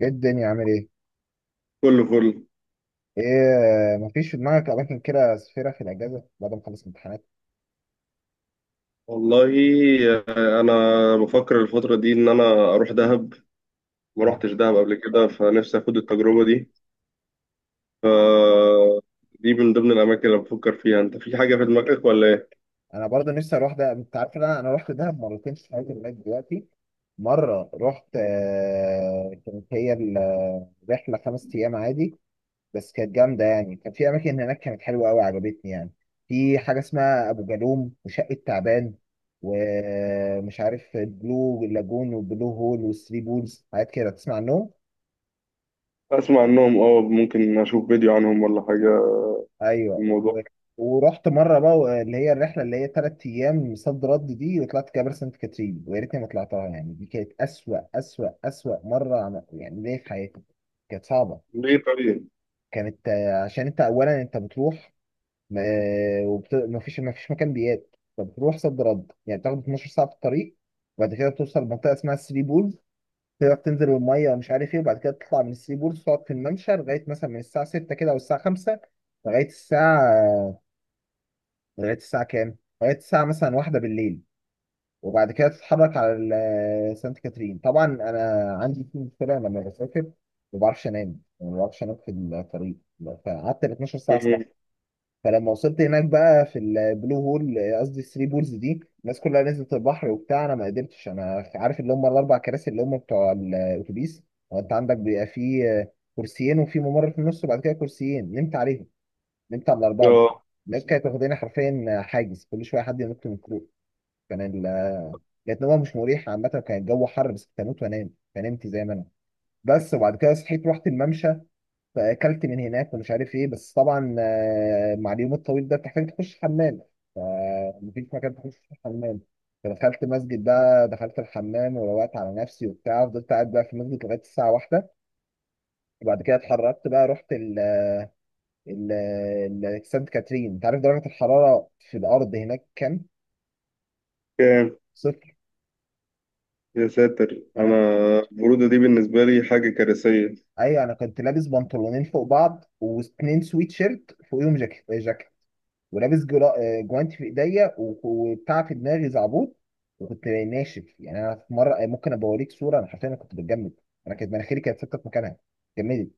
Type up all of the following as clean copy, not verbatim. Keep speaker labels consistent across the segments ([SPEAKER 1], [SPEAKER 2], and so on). [SPEAKER 1] ايه الدنيا عامل ايه؟
[SPEAKER 2] كله كله.
[SPEAKER 1] ايه مفيش في دماغك اماكن كده سفيرة في الاجازة بعد ما اخلص امتحانات؟
[SPEAKER 2] والله. انا بفكر الفتره دي ان انا اروح دهب. ما
[SPEAKER 1] طب
[SPEAKER 2] روحتش دهب قبل كده فنفسي اخد التجربه دي. ف دي من ضمن الاماكن اللي بفكر فيها. انت في حاجه في دماغك ولا ايه؟
[SPEAKER 1] انا برضه نفسي اروح ده، انت عارف إن انا رحت دهب مرتين في حياتي لغايه دلوقتي. مرة رحت كانت هي الرحلة خمس ايام عادي، بس كانت جامدة يعني. كان في اماكن هناك كانت حلوة قوي عجبتني يعني. في حاجة اسمها ابو جالوم وشقة تعبان ومش عارف البلو لاجون والبلو هول والثري بولز، حاجات كده تسمع عنهم؟
[SPEAKER 2] اسمع عنهم، اه، ممكن اشوف فيديو عنهم ولا حاجه
[SPEAKER 1] ايوه
[SPEAKER 2] في الموضوع.
[SPEAKER 1] ورحت مره بقى اللي هي الرحله اللي هي ثلاث ايام صد رد دي، وطلعت جبل سانت كاترين، ويا ريتني ما طلعتها يعني. دي كانت اسوأ اسوأ اسوأ مره يعني ليا في حياتي. كانت صعبه.
[SPEAKER 2] ليه طيب؟
[SPEAKER 1] كانت عشان انت اولا انت بتروح ما ما فيش مكان بيات، فبتروح صد رد يعني، بتاخد 12 ساعه في الطريق. وبعد كده بتوصل لمنطقه اسمها الثري بولز، تقدر تنزل الميه ومش عارف ايه، وبعد كده تطلع من الثري بولز تقعد في الممشى لغايه مثلا من الساعه 6 كده او الساعه 5 لغايه الساعه لغايه الساعه كام؟ لغايه الساعه مثلا واحدة بالليل. وبعد كده تتحرك على سانت كاترين. طبعا انا عندي في مشكله لما بسافر، ما بعرفش انام يعني، ما بعرفش انام في الطريق، فقعدت ال 12 ساعه صح.
[SPEAKER 2] مم.
[SPEAKER 1] فلما وصلت هناك بقى في البلو هول، قصدي الثري بولز دي، الناس كلها نزلت البحر وبتاع، انا ما قدرتش. انا عارف اللي هم الاربع كراسي اللي هم بتوع الاتوبيس، هو انت عندك بيبقى فيه كرسيين وفي ممر في النص وبعد كده كرسيين، نمت عليهم، نمت على الأربعة دول.
[SPEAKER 2] اه.
[SPEAKER 1] الناس كانت واخدين حرفيا حاجز، كل شوية حد ينط من الكروب. كان ال كانت نومة مش مريحة عامة، كان الجو حر، بس كنت هموت وأنام فنمت زي ما أنا. بس وبعد كده صحيت، رحت الممشى، فأكلت من هناك ومش عارف إيه. بس طبعا مع اليوم الطويل ده بتحتاج تخش حمام، فمفيش مكان تخش فيه حمام. فدخلت مسجد بقى، دخلت الحمام وروقت على نفسي وبتاع، فضلت قاعد بقى في المسجد لغاية الساعة واحدة. وبعد كده اتحركت بقى، رحت ال- سانت كاترين. انت عارف درجة الحرارة في الأرض هناك كام؟
[SPEAKER 2] كام؟
[SPEAKER 1] صفر.
[SPEAKER 2] يا ساتر،
[SPEAKER 1] أنا،
[SPEAKER 2] انا البروده دي بالنسبه لي حاجه كارثيه.
[SPEAKER 1] أيوة، أنا كنت لابس بنطلونين فوق بعض واتنين سويت شيرت فوقيهم جاكيت جاكيت، ولابس جرا... آه، جوانتي في إيديا وبتاع في دماغي زعبوط، وكنت ناشف يعني. أنا في مرة ممكن أبقى أوريك صورة، أنا حرفيا أنا كنت بتجمد. أنا كانت مناخيري كانت ثابتة في مكانها، جمدت.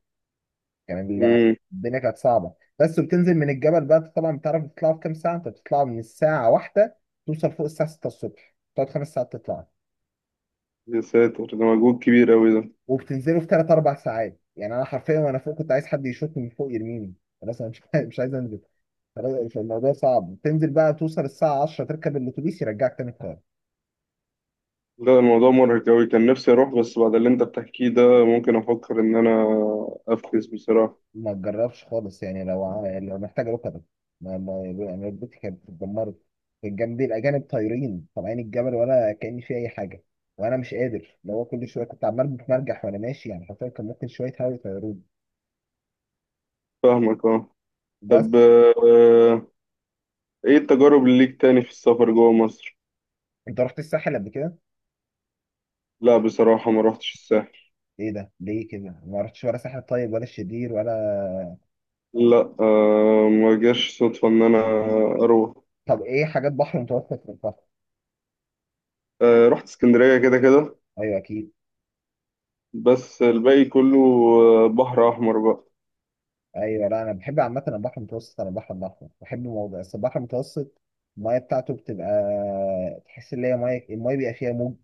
[SPEAKER 1] كان ال-
[SPEAKER 2] امم.
[SPEAKER 1] الدنيا كانت صعبة. بس وبتنزل من الجبل بقى، أنت طبعا بتعرف تطلعوا في كام ساعة؟ أنت بتطلع من الساعة واحدة توصل فوق الساعة 6 الصبح، تقعد خمس ساعات تطلع،
[SPEAKER 2] يا ساتر، ده مجهود كبير قوي ده.
[SPEAKER 1] وبتنزله في ثلاث اربع ساعات. يعني انا حرفيا وانا فوق كنت عايز حد يشوطني من فوق يرميني، خلاص انا مش عايز، مش عايز انزل. خلاص الموضوع صعب. تنزل بقى توصل الساعه 10 تركب الاتوبيس يرجعك تاني القاهره.
[SPEAKER 2] لا، الموضوع مرهق أوي. كان نفسي أروح بس بعد اللي أنت بتحكيه ده ممكن أفكر إن أنا أفكس بصراحة.
[SPEAKER 1] ما تجربش خالص يعني، لو يعني لو محتاج ركبه، ما يعني ركبتي كانت اتدمرت. كان جنبي الاجانب طايرين طالعين الجبل ولا كاني في اي حاجه، وانا مش قادر، لو هو كل شويه كنت عمال بتمرجح وانا ماشي، يعني حرفيا كان ممكن شويه هوا يطيروني.
[SPEAKER 2] فاهمك أه. طب،
[SPEAKER 1] بس
[SPEAKER 2] إيه التجارب اللي ليك تاني في السفر جوه مصر؟
[SPEAKER 1] انت رحت الساحل قبل كده؟
[SPEAKER 2] لا بصراحة ما روحتش الساحل.
[SPEAKER 1] ايه ده ليه كده ما رحتش ولا ساحل طيب، ولا الشرير ولا
[SPEAKER 2] لا، ما جاش صدفة إن أنا أروح.
[SPEAKER 1] طب ايه حاجات بحر متوسط في البحر؟
[SPEAKER 2] رحت اسكندرية كده كده.
[SPEAKER 1] ايوه اكيد.
[SPEAKER 2] بس الباقي كله بحر أحمر بقى.
[SPEAKER 1] ايوه، لا انا بحب عامه البحر المتوسط عن البحر الاحمر، بحب الموضوع بس البحر المتوسط، المايه بتاعته بتبقى تحس ان هي مايه، المايه بيبقى فيها موج،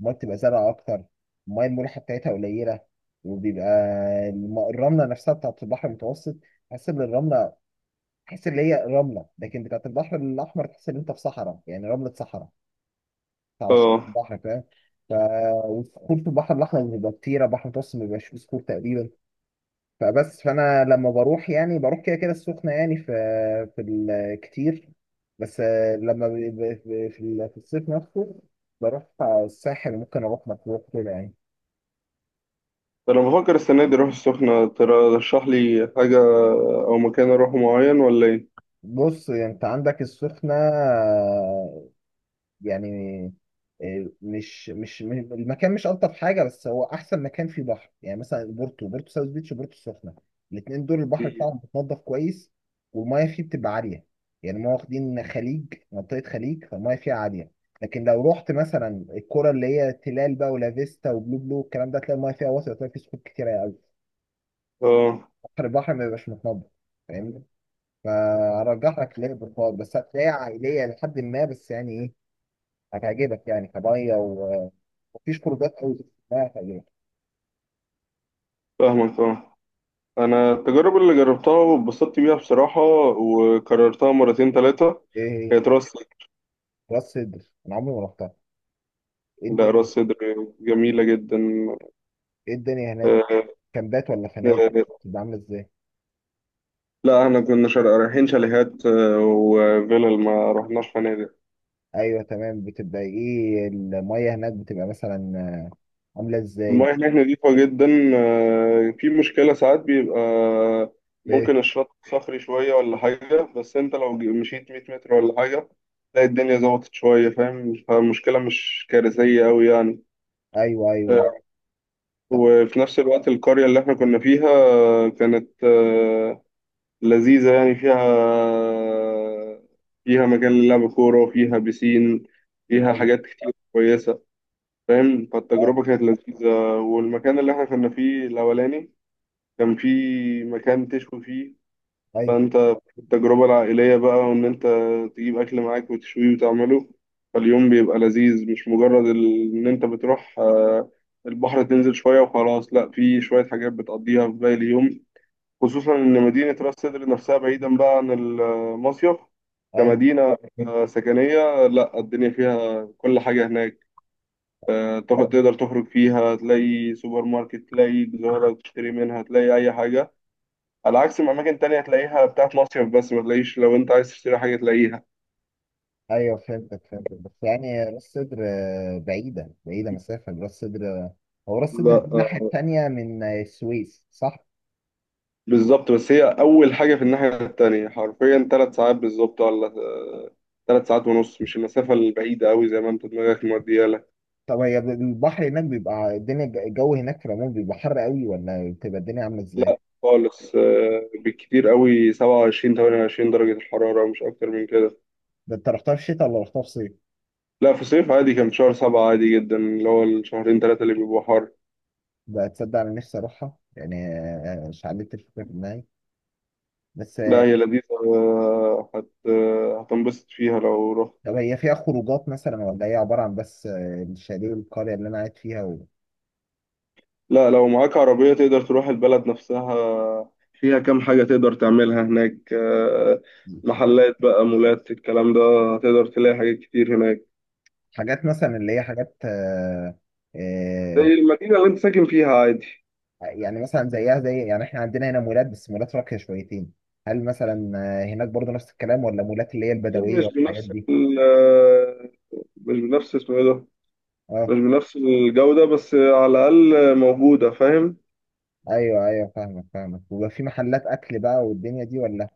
[SPEAKER 1] المايه بتبقى زرقاء اكتر، المايه الملوحه بتاعتها قليله، وبيبقى الرمله نفسها بتاعت البحر المتوسط، تحس ان الرمله، تحس ان هي رمله. لكن بتاعت البحر الاحمر تحس ان انت في صحراء، يعني رمله صحراء على شط
[SPEAKER 2] أه.
[SPEAKER 1] البحر، فاهم؟ ف والصخور في البحر الاحمر بيبقى كتيره، البحر المتوسط ما بيبقاش فيه صخور تقريبا. فانا لما بروح يعني، بروح كده كده السخنه، يعني في في الكتير. بس لما في الصيف نفسه بروح الساحل، ممكن اروح مطروح كده يعني.
[SPEAKER 2] فأنا بفكر السنة دي أروح السخنة. ترشح لي حاجة أو مكان أروحه معين ولا إيه؟
[SPEAKER 1] بص انت عندك السخنه يعني، مش المكان مش الطف حاجه، بس هو احسن مكان فيه بحر. يعني مثلا بورتو، بورتو ساوث بيتش وبورتو السخنه، الاثنين دول البحر
[SPEAKER 2] مم.
[SPEAKER 1] بتاعهم متنضف كويس، والميه فيه بتبقى عاليه، يعني ما واخدين خليج، منطقه خليج، فالميه فيها عاليه. لكن لو رحت مثلا الكرة اللي هي تلال بقى، ولا فيستا وبلو بلو الكلام ده، تلاقي الميه فيها واسعه، وتلاقي فيه صخور كتيره قوي،
[SPEAKER 2] أه.
[SPEAKER 1] بحر البحر ما بيبقاش متنضف، فاهمني؟ فارجح لك ليه بالفاضل، بس هتلاقيها عائليه لحد ما، بس يعني ايه، هتعجبك يعني كميه، مفيش خروجات قوي اسمها، تعجبك.
[SPEAKER 2] فاهمك أه. انا التجارب اللي جربتها واتبسطت بيها بصراحة وكررتها مرتين ثلاثة
[SPEAKER 1] ايه؟ هي
[SPEAKER 2] كانت راس صدر.
[SPEAKER 1] راس سدر انا عمري ما رحتها. ايه
[SPEAKER 2] لا، راس
[SPEAKER 1] الدنيا؟
[SPEAKER 2] صدر جميلة جدا.
[SPEAKER 1] ايه الدنيا هناك،
[SPEAKER 2] آه،
[SPEAKER 1] كامبات ولا فنادق
[SPEAKER 2] آه،
[SPEAKER 1] بتبقى عامله ازاي؟
[SPEAKER 2] لا احنا كنا رايحين شاليهات وفيلل. ما رحناش فنادق.
[SPEAKER 1] ايوه تمام، بتبقى ايه الميه هناك، بتبقى مثلا عامله ازاي؟
[SPEAKER 2] المياه هناك نظيفة جدا. في مشكلة ساعات بيبقى
[SPEAKER 1] ايه؟
[SPEAKER 2] ممكن الشط صخري شوية ولا حاجة. بس انت لو مشيت 100 متر ولا حاجة تلاقي الدنيا ظبطت شوية، فاهم، فالمشكلة مش كارثية أوي يعني.
[SPEAKER 1] ايوه ايوه.
[SPEAKER 2] آه،
[SPEAKER 1] طب.
[SPEAKER 2] وفي نفس الوقت القرية اللي احنا كنا فيها كانت لذيذة يعني. فيها، فيها مجال للعب كورة وفيها بيسين. فيها
[SPEAKER 1] ايوه.
[SPEAKER 2] حاجات كتير كويسة، فاهم،
[SPEAKER 1] اه.
[SPEAKER 2] فالتجربة كانت لذيذة. والمكان اللي احنا كنا فيه الأولاني كان فيه مكان تشوي فيه.
[SPEAKER 1] ايوه
[SPEAKER 2] فانت التجربة العائلية بقى، وان انت تجيب اكل معاك وتشويه وتعمله. فاليوم بيبقى لذيذ، مش مجرد ان انت بتروح البحر تنزل شوية وخلاص. لا، في شوية حاجات بتقضيها في باقي اليوم، خصوصا ان مدينة راس سدر نفسها بعيدا بقى عن المصيف
[SPEAKER 1] ايوه
[SPEAKER 2] كمدينة سكنية. لا، الدنيا فيها كل حاجة هناك. تقدر تخرج فيها. تلاقي سوبر ماركت، تلاقي جزارة تشتري منها، تلاقي أي حاجة، على عكس ما اماكن تانية تلاقيها بتاعت مصيف بس ما تلاقيش لو انت عايز تشتري حاجة تلاقيها.
[SPEAKER 1] ايوه فهمتك فهمتك. بس يعني راس سدر بعيده بعيده، مسافه راس سدر، هو راس
[SPEAKER 2] لا
[SPEAKER 1] سدر دي الناحيه
[SPEAKER 2] آه،
[SPEAKER 1] التانيه من السويس صح؟
[SPEAKER 2] بالظبط. بس هي اول حاجة في الناحية التانية حرفيا ثلاث ساعات بالظبط، ولا ثلاث ساعات ونص. مش المسافة البعيدة قوي زي ما انت دماغك مودية لك.
[SPEAKER 1] طب هي البحر هناك بيبقى الدنيا، الجو هناك في العموم بيبقى حر قوي ولا بتبقى الدنيا عامله ازاي؟
[SPEAKER 2] لا خالص، بالكتير قوي 27 28 درجة. الحرارة مش اكتر من كده.
[SPEAKER 1] ده انت رحتها في الشتاء ولا رحتها في صيف؟
[SPEAKER 2] لا، في صيف عادي. كان في شهر سبعة عادي جدا اللي هو الشهرين ثلاثة اللي بيبقوا حر.
[SPEAKER 1] بقى تصدق انا نفسي اروحها، يعني شعلت الفكره في دماغي. بس
[SPEAKER 2] لا، هي لذيذة. آه، هت آه، هتنبسط فيها لو رحت.
[SPEAKER 1] طب هي فيها خروجات مثلا، ولا هي عباره عن بس الشاليه والقريه اللي انا قاعد فيها
[SPEAKER 2] لا، لو معاك عربية تقدر تروح البلد نفسها. فيها كام حاجة تقدر تعملها هناك، محلات بقى، مولات، الكلام ده. هتقدر تلاقي حاجات كتير هناك
[SPEAKER 1] حاجات مثلا اللي هي حاجات
[SPEAKER 2] زي
[SPEAKER 1] آه،
[SPEAKER 2] المدينة اللي انت ساكن فيها عادي.
[SPEAKER 1] يعني مثلا زيها زي، يعني احنا عندنا هنا مولات بس مولات راقيه شويتين، هل مثلا هناك برضه نفس الكلام، ولا مولات اللي هي
[SPEAKER 2] أكيد
[SPEAKER 1] البدويه
[SPEAKER 2] مش
[SPEAKER 1] والحاجات
[SPEAKER 2] بنفس
[SPEAKER 1] دي؟
[SPEAKER 2] ال آه، مش بنفس اسمه ايه ده.
[SPEAKER 1] اه.
[SPEAKER 2] مش بنفس الجودة بس على الأقل موجودة، فاهم.
[SPEAKER 1] ايوه ايوه فاهمك فاهمك. ويبقى في محلات اكل بقى والدنيا دي ولا؟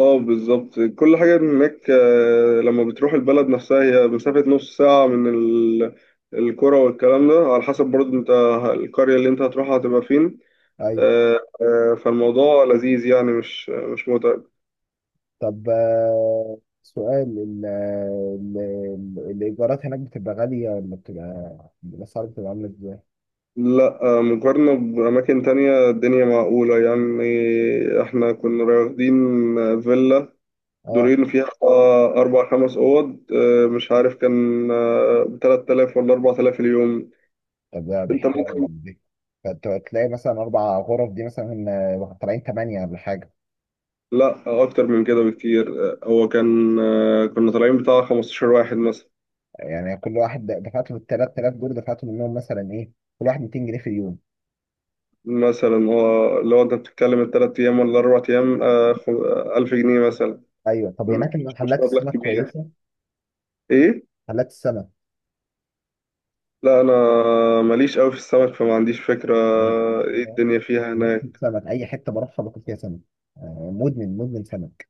[SPEAKER 2] اه، بالظبط. كل حاجة هناك، لما بتروح البلد نفسها هي مسافة نص ساعة من القرى. والكلام ده على حسب برضه انت القرية اللي انت هتروحها هتبقى فين.
[SPEAKER 1] ايوه.
[SPEAKER 2] فالموضوع لذيذ يعني، مش متعب.
[SPEAKER 1] طب سؤال، الايجارات هناك بتبقى غاليه ولا بتبقى، الاسعار بتبقى عامله ازاي؟
[SPEAKER 2] لا، مقارنة بأماكن تانية الدنيا معقولة يعني. احنا كنا واخدين فيلا
[SPEAKER 1] اه.
[SPEAKER 2] دورين فيها أربع خمس أوض، مش عارف كان بتلات آلاف ولا أربع آلاف اليوم.
[SPEAKER 1] طب ده، ده
[SPEAKER 2] انت
[SPEAKER 1] حلو جدا
[SPEAKER 2] ممكن...
[SPEAKER 1] دي. فانت هتلاقي مثلا اربع غرف دي مثلا طالعين ثمانيه ولا حاجه؟
[SPEAKER 2] لا، اكتر من كده بكتير. آه، هو كان آه، كنا طالعين بتاع 15 واحد مثلا.
[SPEAKER 1] يعني كل واحد دفعت له ال 3000 دول، دفعت منهم مثلا ايه، كل واحد 200 جنيه في اليوم؟
[SPEAKER 2] مثلا هو لو انت بتتكلم الثلاث ايام ولا اربع ايام، 1000 جنيه مثلا.
[SPEAKER 1] ايوه، طب هناك
[SPEAKER 2] مش
[SPEAKER 1] المحلات
[SPEAKER 2] مبلغ
[SPEAKER 1] السمك
[SPEAKER 2] كبير.
[SPEAKER 1] كويسه؟
[SPEAKER 2] ايه.
[SPEAKER 1] محلات السمك
[SPEAKER 2] لا، انا ماليش قوي في السمك فما عنديش فكرة
[SPEAKER 1] لا،
[SPEAKER 2] ايه الدنيا فيها
[SPEAKER 1] بموت
[SPEAKER 2] هناك.
[SPEAKER 1] سمك، اي حته بروحها باكل فيها سمك، مدمن مدمن سمك،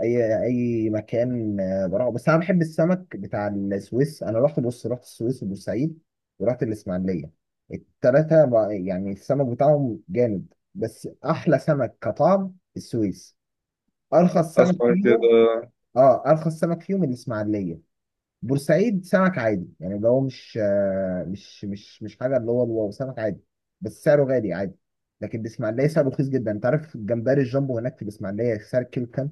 [SPEAKER 1] اي اي مكان بروحه. بس انا بحب السمك بتاع السويس، انا رحت بص، رحت السويس وبورسعيد ورحت الاسماعيليه، التلاته يعني السمك بتاعهم جامد، بس احلى سمك كطعم السويس، ارخص سمك
[SPEAKER 2] اسمع كده.
[SPEAKER 1] فيهم. اه ارخص سمك فيهم الاسماعيليه. بورسعيد سمك عادي، يعني اللي هو مش مش حاجه، اللي هو الواو سمك عادي، بس سعره غالي عادي. لكن الاسماعيليه سعره رخيص جدا. انت عارف الجمبري الجامبو هناك في الاسماعيليه سعر الكيلو كام؟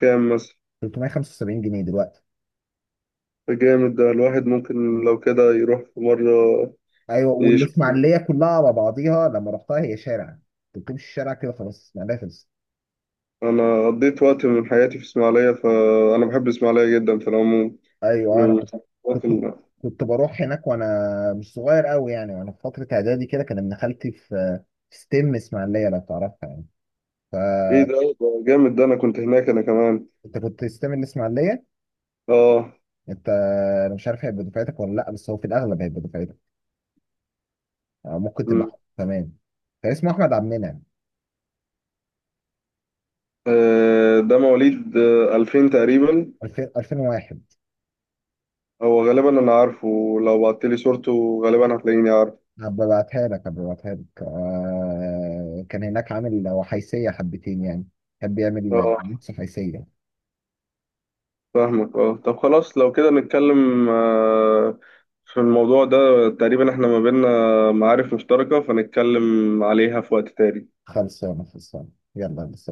[SPEAKER 2] كام مثلا؟
[SPEAKER 1] 375 جنيه دلوقتي.
[SPEAKER 2] جامد ده. الواحد ممكن لو كده يروح في مرة
[SPEAKER 1] ايوه،
[SPEAKER 2] يشوف.
[SPEAKER 1] والاسماعيليه كلها على بعضيها لما رحتها هي شارع، انت بتمشي الشارع كده خلاص الاسماعيليه خلصت.
[SPEAKER 2] أنا قضيت وقت من حياتي في إسماعيلية فأنا بحب إسماعيلية جدا في العموم،
[SPEAKER 1] ايوه
[SPEAKER 2] من
[SPEAKER 1] انا كنت،
[SPEAKER 2] الوقت
[SPEAKER 1] كنت كنت بروح هناك وانا مش صغير قوي يعني، وانا في فتره اعدادي كده كان ابن خالتي في في ستيم اسماعيليه، لو تعرفها يعني.
[SPEAKER 2] إيه
[SPEAKER 1] فانت
[SPEAKER 2] ده جامد ده. أنا كنت هناك أنا كمان.
[SPEAKER 1] كنت ستيم الاسماعيليه،
[SPEAKER 2] آه.
[SPEAKER 1] انت، انا مش عارف هيبقى دفعتك ولا لا، بس هو في الاغلب هيبقى دفعتك، ممكن
[SPEAKER 2] م.
[SPEAKER 1] تبقى تمام. كان اسمه احمد عبد المنعم.
[SPEAKER 2] ده مواليد 2000 تقريبا.
[SPEAKER 1] 2000 2001.
[SPEAKER 2] هو غالبا أنا عارفه. لو بعتلي صورته غالبا هتلاقيني عارف.
[SPEAKER 1] هبقى ابعتها لك هبقى ابعتها لك، كان هناك عامل وحيسيه حبتين يعني، كان بيعمل
[SPEAKER 2] آه،
[SPEAKER 1] نص حيسيه.
[SPEAKER 2] فاهمك آه. طب خلاص لو كده نتكلم في الموضوع ده. تقريبا إحنا ما بينا معارف مشتركة فنتكلم عليها في وقت تاني.
[SPEAKER 1] خلصانه خلصانه. يلا بس.